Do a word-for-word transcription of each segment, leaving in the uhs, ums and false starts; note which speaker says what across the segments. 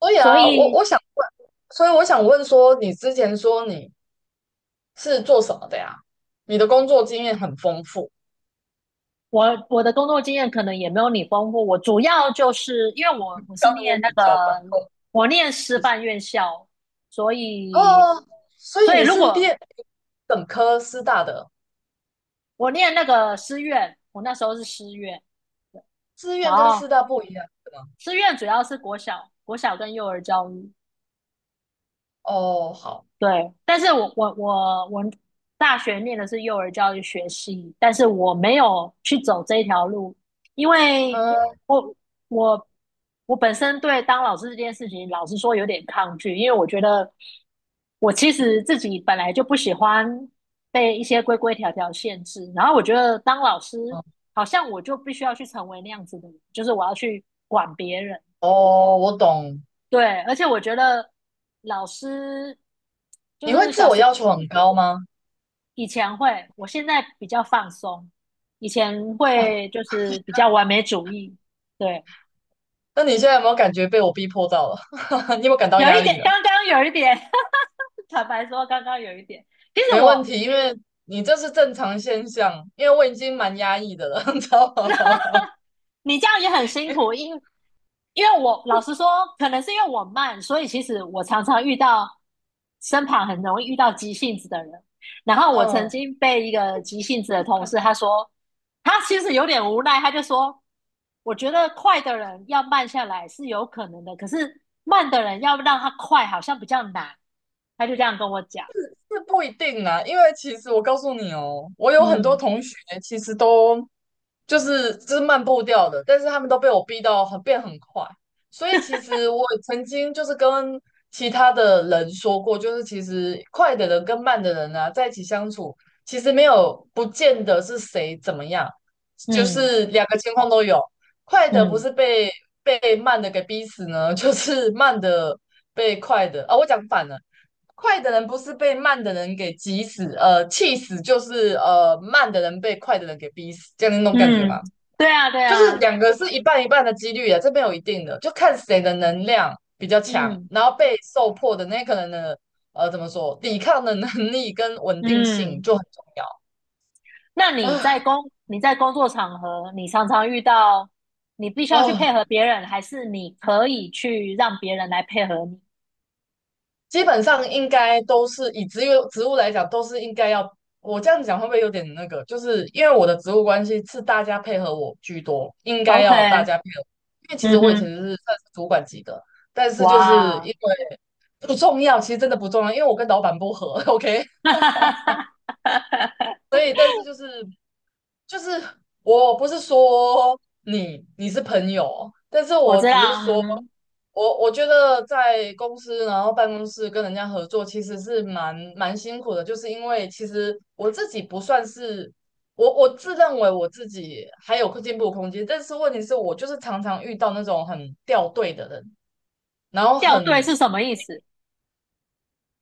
Speaker 1: 所以
Speaker 2: 所
Speaker 1: 啊，我
Speaker 2: 以
Speaker 1: 我想问，所以我想问说，你之前说你是做什么的呀？你的工作经验很丰富，
Speaker 2: 我我的工作经验可能也没有你丰富。我主要就是因为我我是
Speaker 1: 刚跟我
Speaker 2: 念那
Speaker 1: 比
Speaker 2: 个
Speaker 1: 较把控。
Speaker 2: 我念师
Speaker 1: 其实
Speaker 2: 范院校，所 以
Speaker 1: 哦，所以
Speaker 2: 所以
Speaker 1: 你
Speaker 2: 如
Speaker 1: 是
Speaker 2: 果
Speaker 1: 练本科师大的，
Speaker 2: 我念那个师院，我那时候是师院，
Speaker 1: 志
Speaker 2: 然
Speaker 1: 愿跟
Speaker 2: 后
Speaker 1: 师大不一样的吗？
Speaker 2: 师院主要是国小、国小跟幼儿教育，
Speaker 1: 哦，好，
Speaker 2: 对，但是我我我我大学念的是幼儿教育学系，但是我没有去走这一条路，因为
Speaker 1: 嗯，
Speaker 2: 我我我本身对当老师这件事情，老实说有点抗拒，因为我觉得我其实自己本来就不喜欢被一些规规条条限制，然后我觉得当老师好像我就必须要去成为那样子的人，就是我要去管别人。
Speaker 1: 哦，我懂。
Speaker 2: 对，而且我觉得老师就
Speaker 1: 你会
Speaker 2: 是
Speaker 1: 自
Speaker 2: 小
Speaker 1: 我
Speaker 2: 时
Speaker 1: 要求很高吗？
Speaker 2: 以前会，我现在比较放松。以前
Speaker 1: 哦，
Speaker 2: 会就是比较完美主义，对，
Speaker 1: 那你现在有没有感觉被我逼迫到了？你有没有感到
Speaker 2: 有
Speaker 1: 压
Speaker 2: 一
Speaker 1: 力
Speaker 2: 点，
Speaker 1: 了？
Speaker 2: 刚刚有一点，坦白说，刚刚有一点。其实
Speaker 1: 没问
Speaker 2: 我
Speaker 1: 题，因为你这是正常现象，因为我已经蛮压抑的了，你知道吗？
Speaker 2: 你这样也很辛苦，因为因为我老实说，可能是因为我慢，所以其实我常常遇到身旁很容易遇到急性子的人。然后我曾
Speaker 1: 嗯，
Speaker 2: 经被一个急性子的同事，他说他其实有点无奈，他就说我觉得快的人要慢下来是有可能的，可是慢的人要让他快好像比较难。他就这样跟我讲，
Speaker 1: 是不一定啦，因为其实我告诉你哦，我有很多
Speaker 2: 嗯
Speaker 1: 同学其实都就是就是慢步调的，但是他们都被我逼到很变很快，所以其实我曾经就是跟其他的人说过，就是其实快的人跟慢的人啊，在一起相处，其实没有不见得是谁怎么样，就
Speaker 2: 嗯
Speaker 1: 是两个情况都有，快的不
Speaker 2: 嗯
Speaker 1: 是被被慢的给逼死呢，就是慢的被快的啊，我讲反了。快的人不是被慢的人给急死，呃，气死，就是呃，慢的人被快的人给逼死，这样那种感觉嘛，
Speaker 2: 嗯，对啊对
Speaker 1: 就是
Speaker 2: 啊，
Speaker 1: 两个是一半一半的几率啊，这边有一定的，就看谁的能量比较强，
Speaker 2: 嗯
Speaker 1: 然后被受迫的那个人的呃，怎么说，抵抗的能力跟稳定性
Speaker 2: 嗯。
Speaker 1: 就很重要
Speaker 2: 那你在
Speaker 1: 啊。
Speaker 2: 工你在工作场合，你常常遇到你必须要去配
Speaker 1: 哦，
Speaker 2: 合别人，还是你可以去让别人来配合你
Speaker 1: 基本上应该都是以职物职务来讲，都是应该要。我这样讲会不会有点那个？就是因为我的职务关系是大家配合我居多，应该
Speaker 2: ？OK，
Speaker 1: 要大家配合。因为其实
Speaker 2: 嗯
Speaker 1: 我以前
Speaker 2: 哼，
Speaker 1: 是算是主管级的，但是就是因
Speaker 2: 哇，
Speaker 1: 为不重要，其实真的不重要，因为我跟老板不合。OK，
Speaker 2: 哈哈哈
Speaker 1: 就是我不是说你你是朋友，但是
Speaker 2: 我
Speaker 1: 我
Speaker 2: 知
Speaker 1: 只是
Speaker 2: 道，嗯
Speaker 1: 说。
Speaker 2: 哼，
Speaker 1: 我我觉得在公司，然后办公室跟人家合作，其实是蛮蛮辛苦的，就是因为其实我自己不算是我我自认为我自己还有进步空间，但是问题是我就是常常遇到那种很掉队的人，然后
Speaker 2: 掉队
Speaker 1: 很
Speaker 2: 是什么意思？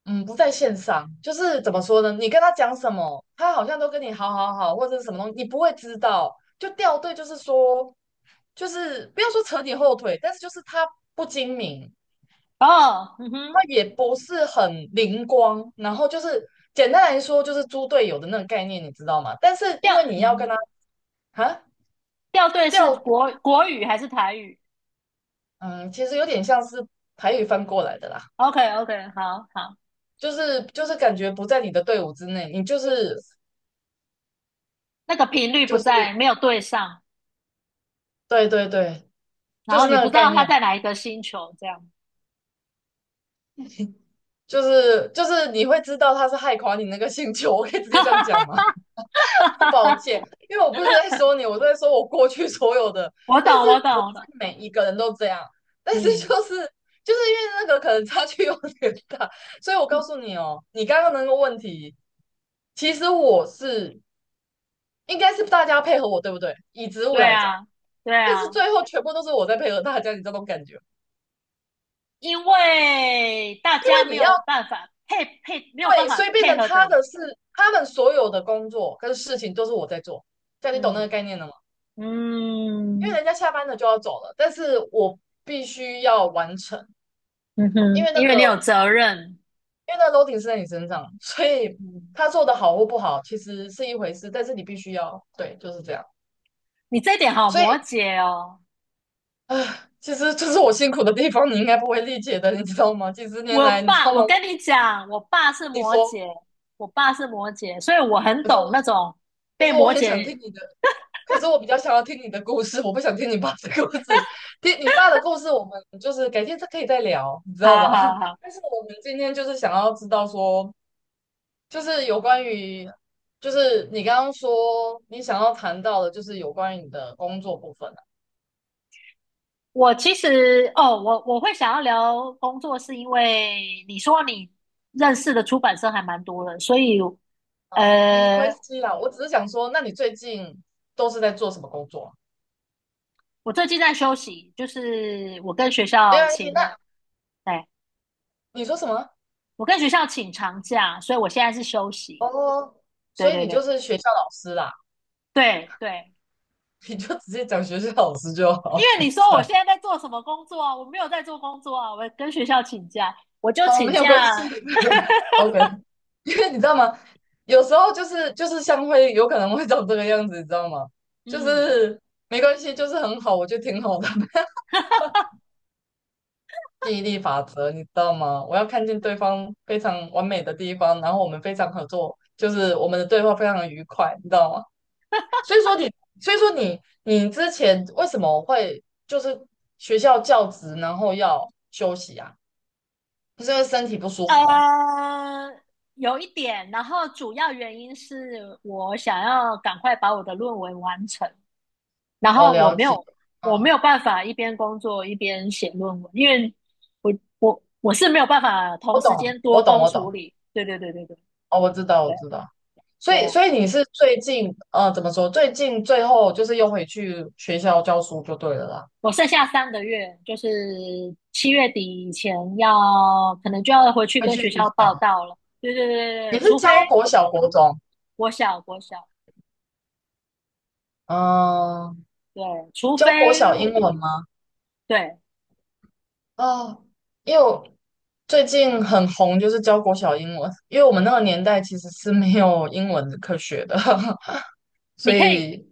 Speaker 1: 嗯不在线上，就是怎么说呢？你跟他讲什么，他好像都跟你好好好或者是什么东西，你不会知道，就掉队，就是说就是不要说扯你后腿，但是就是他不精明，
Speaker 2: 哦，嗯哼，
Speaker 1: 它也不是很灵光，然后就是简单来说就是猪队友的那个概念，你知道吗？但是
Speaker 2: 掉，
Speaker 1: 因为你
Speaker 2: 嗯
Speaker 1: 要跟
Speaker 2: 哼，
Speaker 1: 他啊
Speaker 2: 掉队是
Speaker 1: 调，
Speaker 2: 国国语还是台语
Speaker 1: 嗯，其实有点像是台语翻过来的啦，
Speaker 2: ？OK OK，好好，
Speaker 1: 就是就是感觉不在你的队伍之内，你就是
Speaker 2: 那个频率不
Speaker 1: 就
Speaker 2: 在，
Speaker 1: 是
Speaker 2: 没有对上，
Speaker 1: 对对对，
Speaker 2: 然
Speaker 1: 就
Speaker 2: 后
Speaker 1: 是
Speaker 2: 你
Speaker 1: 那
Speaker 2: 不
Speaker 1: 个
Speaker 2: 知
Speaker 1: 概
Speaker 2: 道他
Speaker 1: 念，
Speaker 2: 在哪一个星球，这样。
Speaker 1: 就是就是你会知道他是害垮你那个星球，我可以直接这样讲吗？抱 歉，因为我不是在说你，我在说我过去所有的，
Speaker 2: 我
Speaker 1: 但
Speaker 2: 懂，我
Speaker 1: 是
Speaker 2: 懂，
Speaker 1: 不
Speaker 2: 我懂。
Speaker 1: 是每一个人都这样，但是
Speaker 2: 嗯，
Speaker 1: 就是就是因为那个可能差距有点大，所以我告诉你哦，你刚刚那个问题，其实我是应该是大家配合我，对不对？以植物
Speaker 2: 对
Speaker 1: 来讲，
Speaker 2: 啊，对
Speaker 1: 但是
Speaker 2: 啊，
Speaker 1: 最后全部都是我在配合大家，你这种感觉，
Speaker 2: 因为大家没
Speaker 1: 你要
Speaker 2: 有办法配配，没有办
Speaker 1: 对，
Speaker 2: 法
Speaker 1: 所以变
Speaker 2: 配
Speaker 1: 成
Speaker 2: 合着
Speaker 1: 他
Speaker 2: 你。
Speaker 1: 的是他们所有的工作跟事情都是我在做，这样你懂那
Speaker 2: 嗯
Speaker 1: 个概念了吗？因为
Speaker 2: 嗯
Speaker 1: 人家下班了就要走了，但是我必须要完成，
Speaker 2: 嗯
Speaker 1: 因
Speaker 2: 哼，
Speaker 1: 为那
Speaker 2: 因为你有
Speaker 1: 个
Speaker 2: 责任。
Speaker 1: 因为那个 loading 是在你身上，所以
Speaker 2: 嗯，
Speaker 1: 他做的好或不好其实是一回事，但是你必须要对，就是这样。
Speaker 2: 你这一点好
Speaker 1: 所以，
Speaker 2: 摩羯哦。
Speaker 1: 唉，其实这是我辛苦的地方，你应该不会理解的，你知道吗？几十年
Speaker 2: 我
Speaker 1: 来，你知
Speaker 2: 爸，
Speaker 1: 道
Speaker 2: 我
Speaker 1: 吗？
Speaker 2: 跟你讲，我爸是
Speaker 1: 你
Speaker 2: 摩羯，
Speaker 1: 说，
Speaker 2: 我爸是摩羯，所以我很
Speaker 1: 可是我，
Speaker 2: 懂那种
Speaker 1: 可
Speaker 2: 被
Speaker 1: 是我
Speaker 2: 摩
Speaker 1: 很想
Speaker 2: 羯。
Speaker 1: 听你的，可是我比较想要听你的故事，我不想听你爸的故事。听你爸的故事，我们就是改天再可以再聊，你知道
Speaker 2: 好
Speaker 1: 吗？
Speaker 2: 好好。
Speaker 1: 但是我们今天就是想要知道说，就是有关于，就是你刚刚说你想要谈到的，就是有关于你的工作部分啊，
Speaker 2: 我其实哦，我我会想要聊工作，是因为你说你认识的出版社还蛮多的，所以
Speaker 1: 没关
Speaker 2: 呃，
Speaker 1: 系啦，我只是想说，那你最近都是在做什么工作啊？
Speaker 2: 我最近在休息，就是我跟学
Speaker 1: 没
Speaker 2: 校
Speaker 1: 关系，
Speaker 2: 请了，
Speaker 1: 那
Speaker 2: 哎，
Speaker 1: 你说什么？
Speaker 2: 我跟学校请长假，所以我现在是休息。
Speaker 1: 哦，所
Speaker 2: 对
Speaker 1: 以
Speaker 2: 对
Speaker 1: 你
Speaker 2: 对
Speaker 1: 就是学校老师啦，
Speaker 2: 对对，
Speaker 1: 你就直接讲学校老师就
Speaker 2: 因
Speaker 1: 好，
Speaker 2: 为你
Speaker 1: 是
Speaker 2: 说我
Speaker 1: 吧？
Speaker 2: 现在在做什么工作啊？我没有在做工作啊，我跟学校请假，我 就
Speaker 1: 好，
Speaker 2: 请
Speaker 1: 没有关系
Speaker 2: 假。
Speaker 1: ，OK，因为你知道吗？有时候就是就是像会有可能会长这个样子，你知道吗？就
Speaker 2: 嗯，
Speaker 1: 是没关系，就是很好，我觉得挺好的。记忆力法则，你知道吗？我要看见对方非常完美的地方，然后我们非常合作，就是我们的对话非常的愉快，你知道吗？所以说你，所以说你，你之前为什么会就是学校教职，然后要休息啊？不是因为身体不舒服吗？
Speaker 2: 呃，有一点，然后主要原因是我想要赶快把我的论文完成，然
Speaker 1: 我
Speaker 2: 后我
Speaker 1: 了
Speaker 2: 没
Speaker 1: 解，
Speaker 2: 有我没
Speaker 1: 嗯，
Speaker 2: 有办法一边工作一边写论文，因为我我我是没有办法同
Speaker 1: 我
Speaker 2: 时
Speaker 1: 懂，
Speaker 2: 间多
Speaker 1: 我懂，
Speaker 2: 工
Speaker 1: 我
Speaker 2: 处
Speaker 1: 懂，
Speaker 2: 理。对对对对对
Speaker 1: 哦，我知道，
Speaker 2: 对
Speaker 1: 我知道。所
Speaker 2: 对
Speaker 1: 以，
Speaker 2: 啊，
Speaker 1: 所以你是最近，呃，怎么说？最近最后就是又回去学校教书就对了啦，
Speaker 2: 我剩下三个月，就是七月底以前要可能就要回去
Speaker 1: 回
Speaker 2: 跟
Speaker 1: 去
Speaker 2: 学
Speaker 1: 学
Speaker 2: 校报
Speaker 1: 校。
Speaker 2: 到了。对对对对
Speaker 1: 你
Speaker 2: 对，
Speaker 1: 是
Speaker 2: 除非
Speaker 1: 教国小、国中？
Speaker 2: 国小国小，
Speaker 1: 嗯，
Speaker 2: 对，除
Speaker 1: 教
Speaker 2: 非
Speaker 1: 国小英
Speaker 2: 我
Speaker 1: 文吗？
Speaker 2: 对，
Speaker 1: 哦，因为我最近很红，就是教国小英文，因为我们那个年代其实是没有英文的科学的，所
Speaker 2: 你可以。
Speaker 1: 以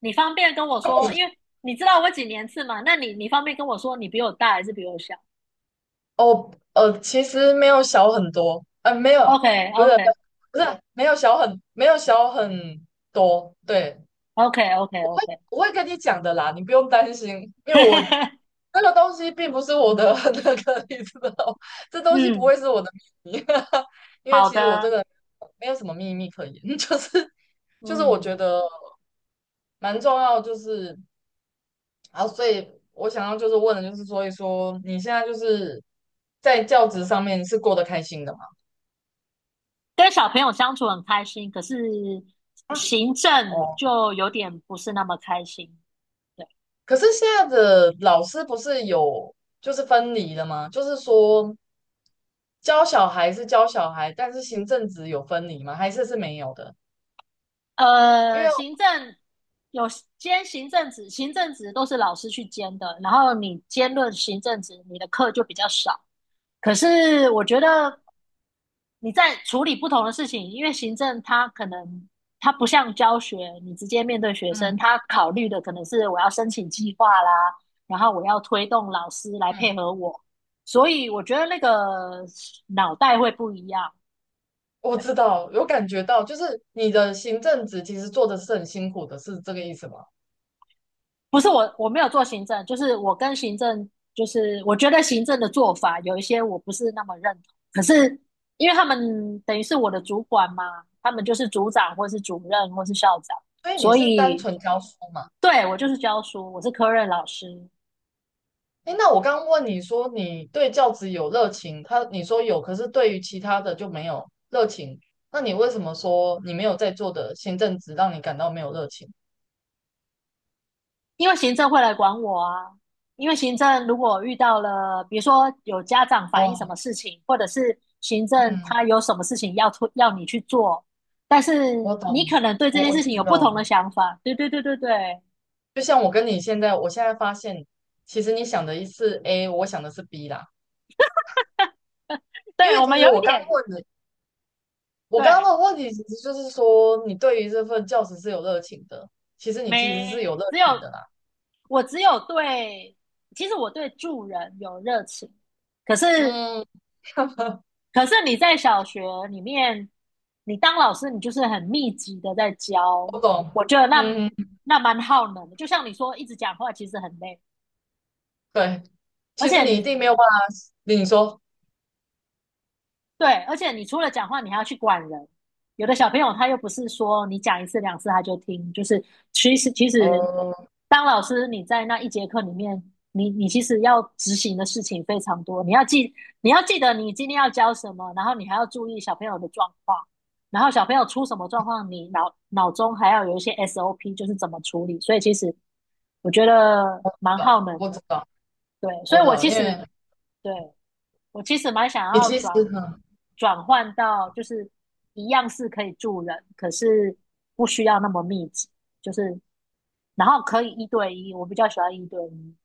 Speaker 2: 你方便跟我说，因为你知道我几年次嘛？那你你方便跟我说，你比我大还是比我小
Speaker 1: 哦呃，其实没有小很多，呃，没有，
Speaker 2: ？OK
Speaker 1: 不是
Speaker 2: OK
Speaker 1: 不是没有小很没有小很多，对，
Speaker 2: OK OK OK，
Speaker 1: 我会跟你讲的啦，你不用担心，因为我 这个东西并不是我的 那个，你知道，这东西不
Speaker 2: 嗯，
Speaker 1: 会是我的秘密，因为
Speaker 2: 好
Speaker 1: 其实我这
Speaker 2: 的，
Speaker 1: 个没有什么秘密可言，就是就是我觉
Speaker 2: 嗯，
Speaker 1: 得蛮重要，就是啊，所以我想要就是问的就是，所以说你现在就是在教职上面是过得开心的吗？
Speaker 2: 跟小朋友相处很开心，可是
Speaker 1: 啊，
Speaker 2: 行政
Speaker 1: 哦，
Speaker 2: 就有点不是那么开心。对，
Speaker 1: 可是现在的老师不是有就是分离的吗？就是说教小孩是教小孩，但是行政职有分离吗？还是是没有的？因
Speaker 2: 呃，
Speaker 1: 为
Speaker 2: 行政有兼行政职，行政职都是老师去兼的，然后你兼任行政职，你的课就比较少。可是我觉得你在处理不同的事情，因为行政它可能它不像教学，你直接面对学生，
Speaker 1: 嗯
Speaker 2: 他考虑的可能是我要申请计划啦，然后我要推动老师来配
Speaker 1: 嗯，
Speaker 2: 合我，所以我觉得那个脑袋会不一样。
Speaker 1: 我
Speaker 2: 对。
Speaker 1: 知道，有感觉到，就是你的行政职其实做的是很辛苦的，是这个意思吗？
Speaker 2: 不是我，我没有做行政，就是我跟行政，就是我觉得行政的做法有一些我不是那么认同。可是因为他们等于是我的主管嘛，他们就是组长或是主任或是校长，
Speaker 1: 所以你
Speaker 2: 所
Speaker 1: 是单
Speaker 2: 以
Speaker 1: 纯教书嘛？
Speaker 2: 对我就是教书，我是科任老师，
Speaker 1: 诶，那我刚刚问你说你对教职有热情，他你说有，可是对于其他的就没有热情，那你为什么说你没有在做的行政职让你感到没有热情？
Speaker 2: 因为行政会来管我啊。因为行政如果遇到了，比如说有家长反映什
Speaker 1: 哦，
Speaker 2: 么事情，或者是行政
Speaker 1: 嗯，
Speaker 2: 他有什么事情要出要你去做，但是
Speaker 1: 我
Speaker 2: 你
Speaker 1: 懂，
Speaker 2: 可能对这
Speaker 1: 我
Speaker 2: 件
Speaker 1: 我
Speaker 2: 事情
Speaker 1: 知
Speaker 2: 有不
Speaker 1: 道
Speaker 2: 同
Speaker 1: 了。
Speaker 2: 的想法。对对对对对，
Speaker 1: 就像我跟你现在，我现在发现，其实你想的是 A，我想的是 B 啦。因
Speaker 2: 对
Speaker 1: 为
Speaker 2: 我
Speaker 1: 其
Speaker 2: 们
Speaker 1: 实
Speaker 2: 有一
Speaker 1: 我刚
Speaker 2: 点
Speaker 1: 问的，我刚刚
Speaker 2: 对，
Speaker 1: 问的问题，其实就是说，你对于这份教职是有热情的。其实你其实是有
Speaker 2: 没
Speaker 1: 热
Speaker 2: 只有
Speaker 1: 情的啦。
Speaker 2: 我只有对，其实我对助人有热情，可是
Speaker 1: 嗯，
Speaker 2: 可是你在小学里面，你当老师，你就是很密集的在教，
Speaker 1: 我
Speaker 2: 我
Speaker 1: 懂。
Speaker 2: 觉得那
Speaker 1: 嗯，
Speaker 2: 那蛮耗能的。就像你说，一直讲话其实很累，
Speaker 1: 对，
Speaker 2: 而
Speaker 1: 其实
Speaker 2: 且
Speaker 1: 你一
Speaker 2: 你
Speaker 1: 定没有办法。你说，
Speaker 2: 对，而且你除了讲话，你还要去管人。有的小朋友他又不是说你讲一次两次他就听，就是其实其实
Speaker 1: 哦，
Speaker 2: 当老师你在那一节课里面，你你其实要执行的事情非常多，你要记你要记得你今天要教什么，然后你还要注意小朋友的状况，然后小朋友出什么状况，你脑脑中还要有一些 S O P，就是怎么处理。所以其实我觉得
Speaker 1: 我
Speaker 2: 蛮
Speaker 1: 懂，
Speaker 2: 耗能
Speaker 1: 我
Speaker 2: 的，
Speaker 1: 知道，
Speaker 2: 对，所
Speaker 1: 我
Speaker 2: 以我
Speaker 1: 懂，
Speaker 2: 其
Speaker 1: 因
Speaker 2: 实
Speaker 1: 为
Speaker 2: 对。我其实蛮想
Speaker 1: 你
Speaker 2: 要
Speaker 1: 其实
Speaker 2: 转
Speaker 1: 很，嗯
Speaker 2: 转换到，就是一样是可以住人，可是不需要那么密集，就是然后可以一对一，我比较喜欢一对一，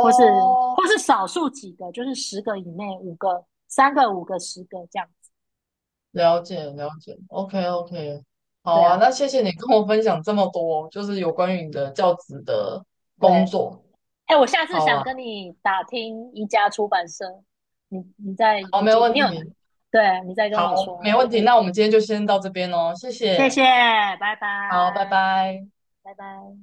Speaker 2: 或是或是少数几个，就是十个以内，五个、三个、五个、十个这样子。对啊，
Speaker 1: 了解了解，OK OK，
Speaker 2: 对
Speaker 1: 好啊，
Speaker 2: 啊，
Speaker 1: 那谢谢你跟我分享这么多，就是有关于你的教职的
Speaker 2: 对。
Speaker 1: 工作。
Speaker 2: 哎，我下次
Speaker 1: 好
Speaker 2: 想
Speaker 1: 啊，
Speaker 2: 跟你打听一家出版社，你你再
Speaker 1: 好，
Speaker 2: 有
Speaker 1: 没有
Speaker 2: 机，
Speaker 1: 问
Speaker 2: 你有，
Speaker 1: 题，
Speaker 2: 对，你再跟我
Speaker 1: 好，没
Speaker 2: 说。
Speaker 1: 问题，那我们今天就先到这边哦，谢
Speaker 2: 谢
Speaker 1: 谢，
Speaker 2: 谢，拜
Speaker 1: 好，拜
Speaker 2: 拜，
Speaker 1: 拜。
Speaker 2: 拜拜。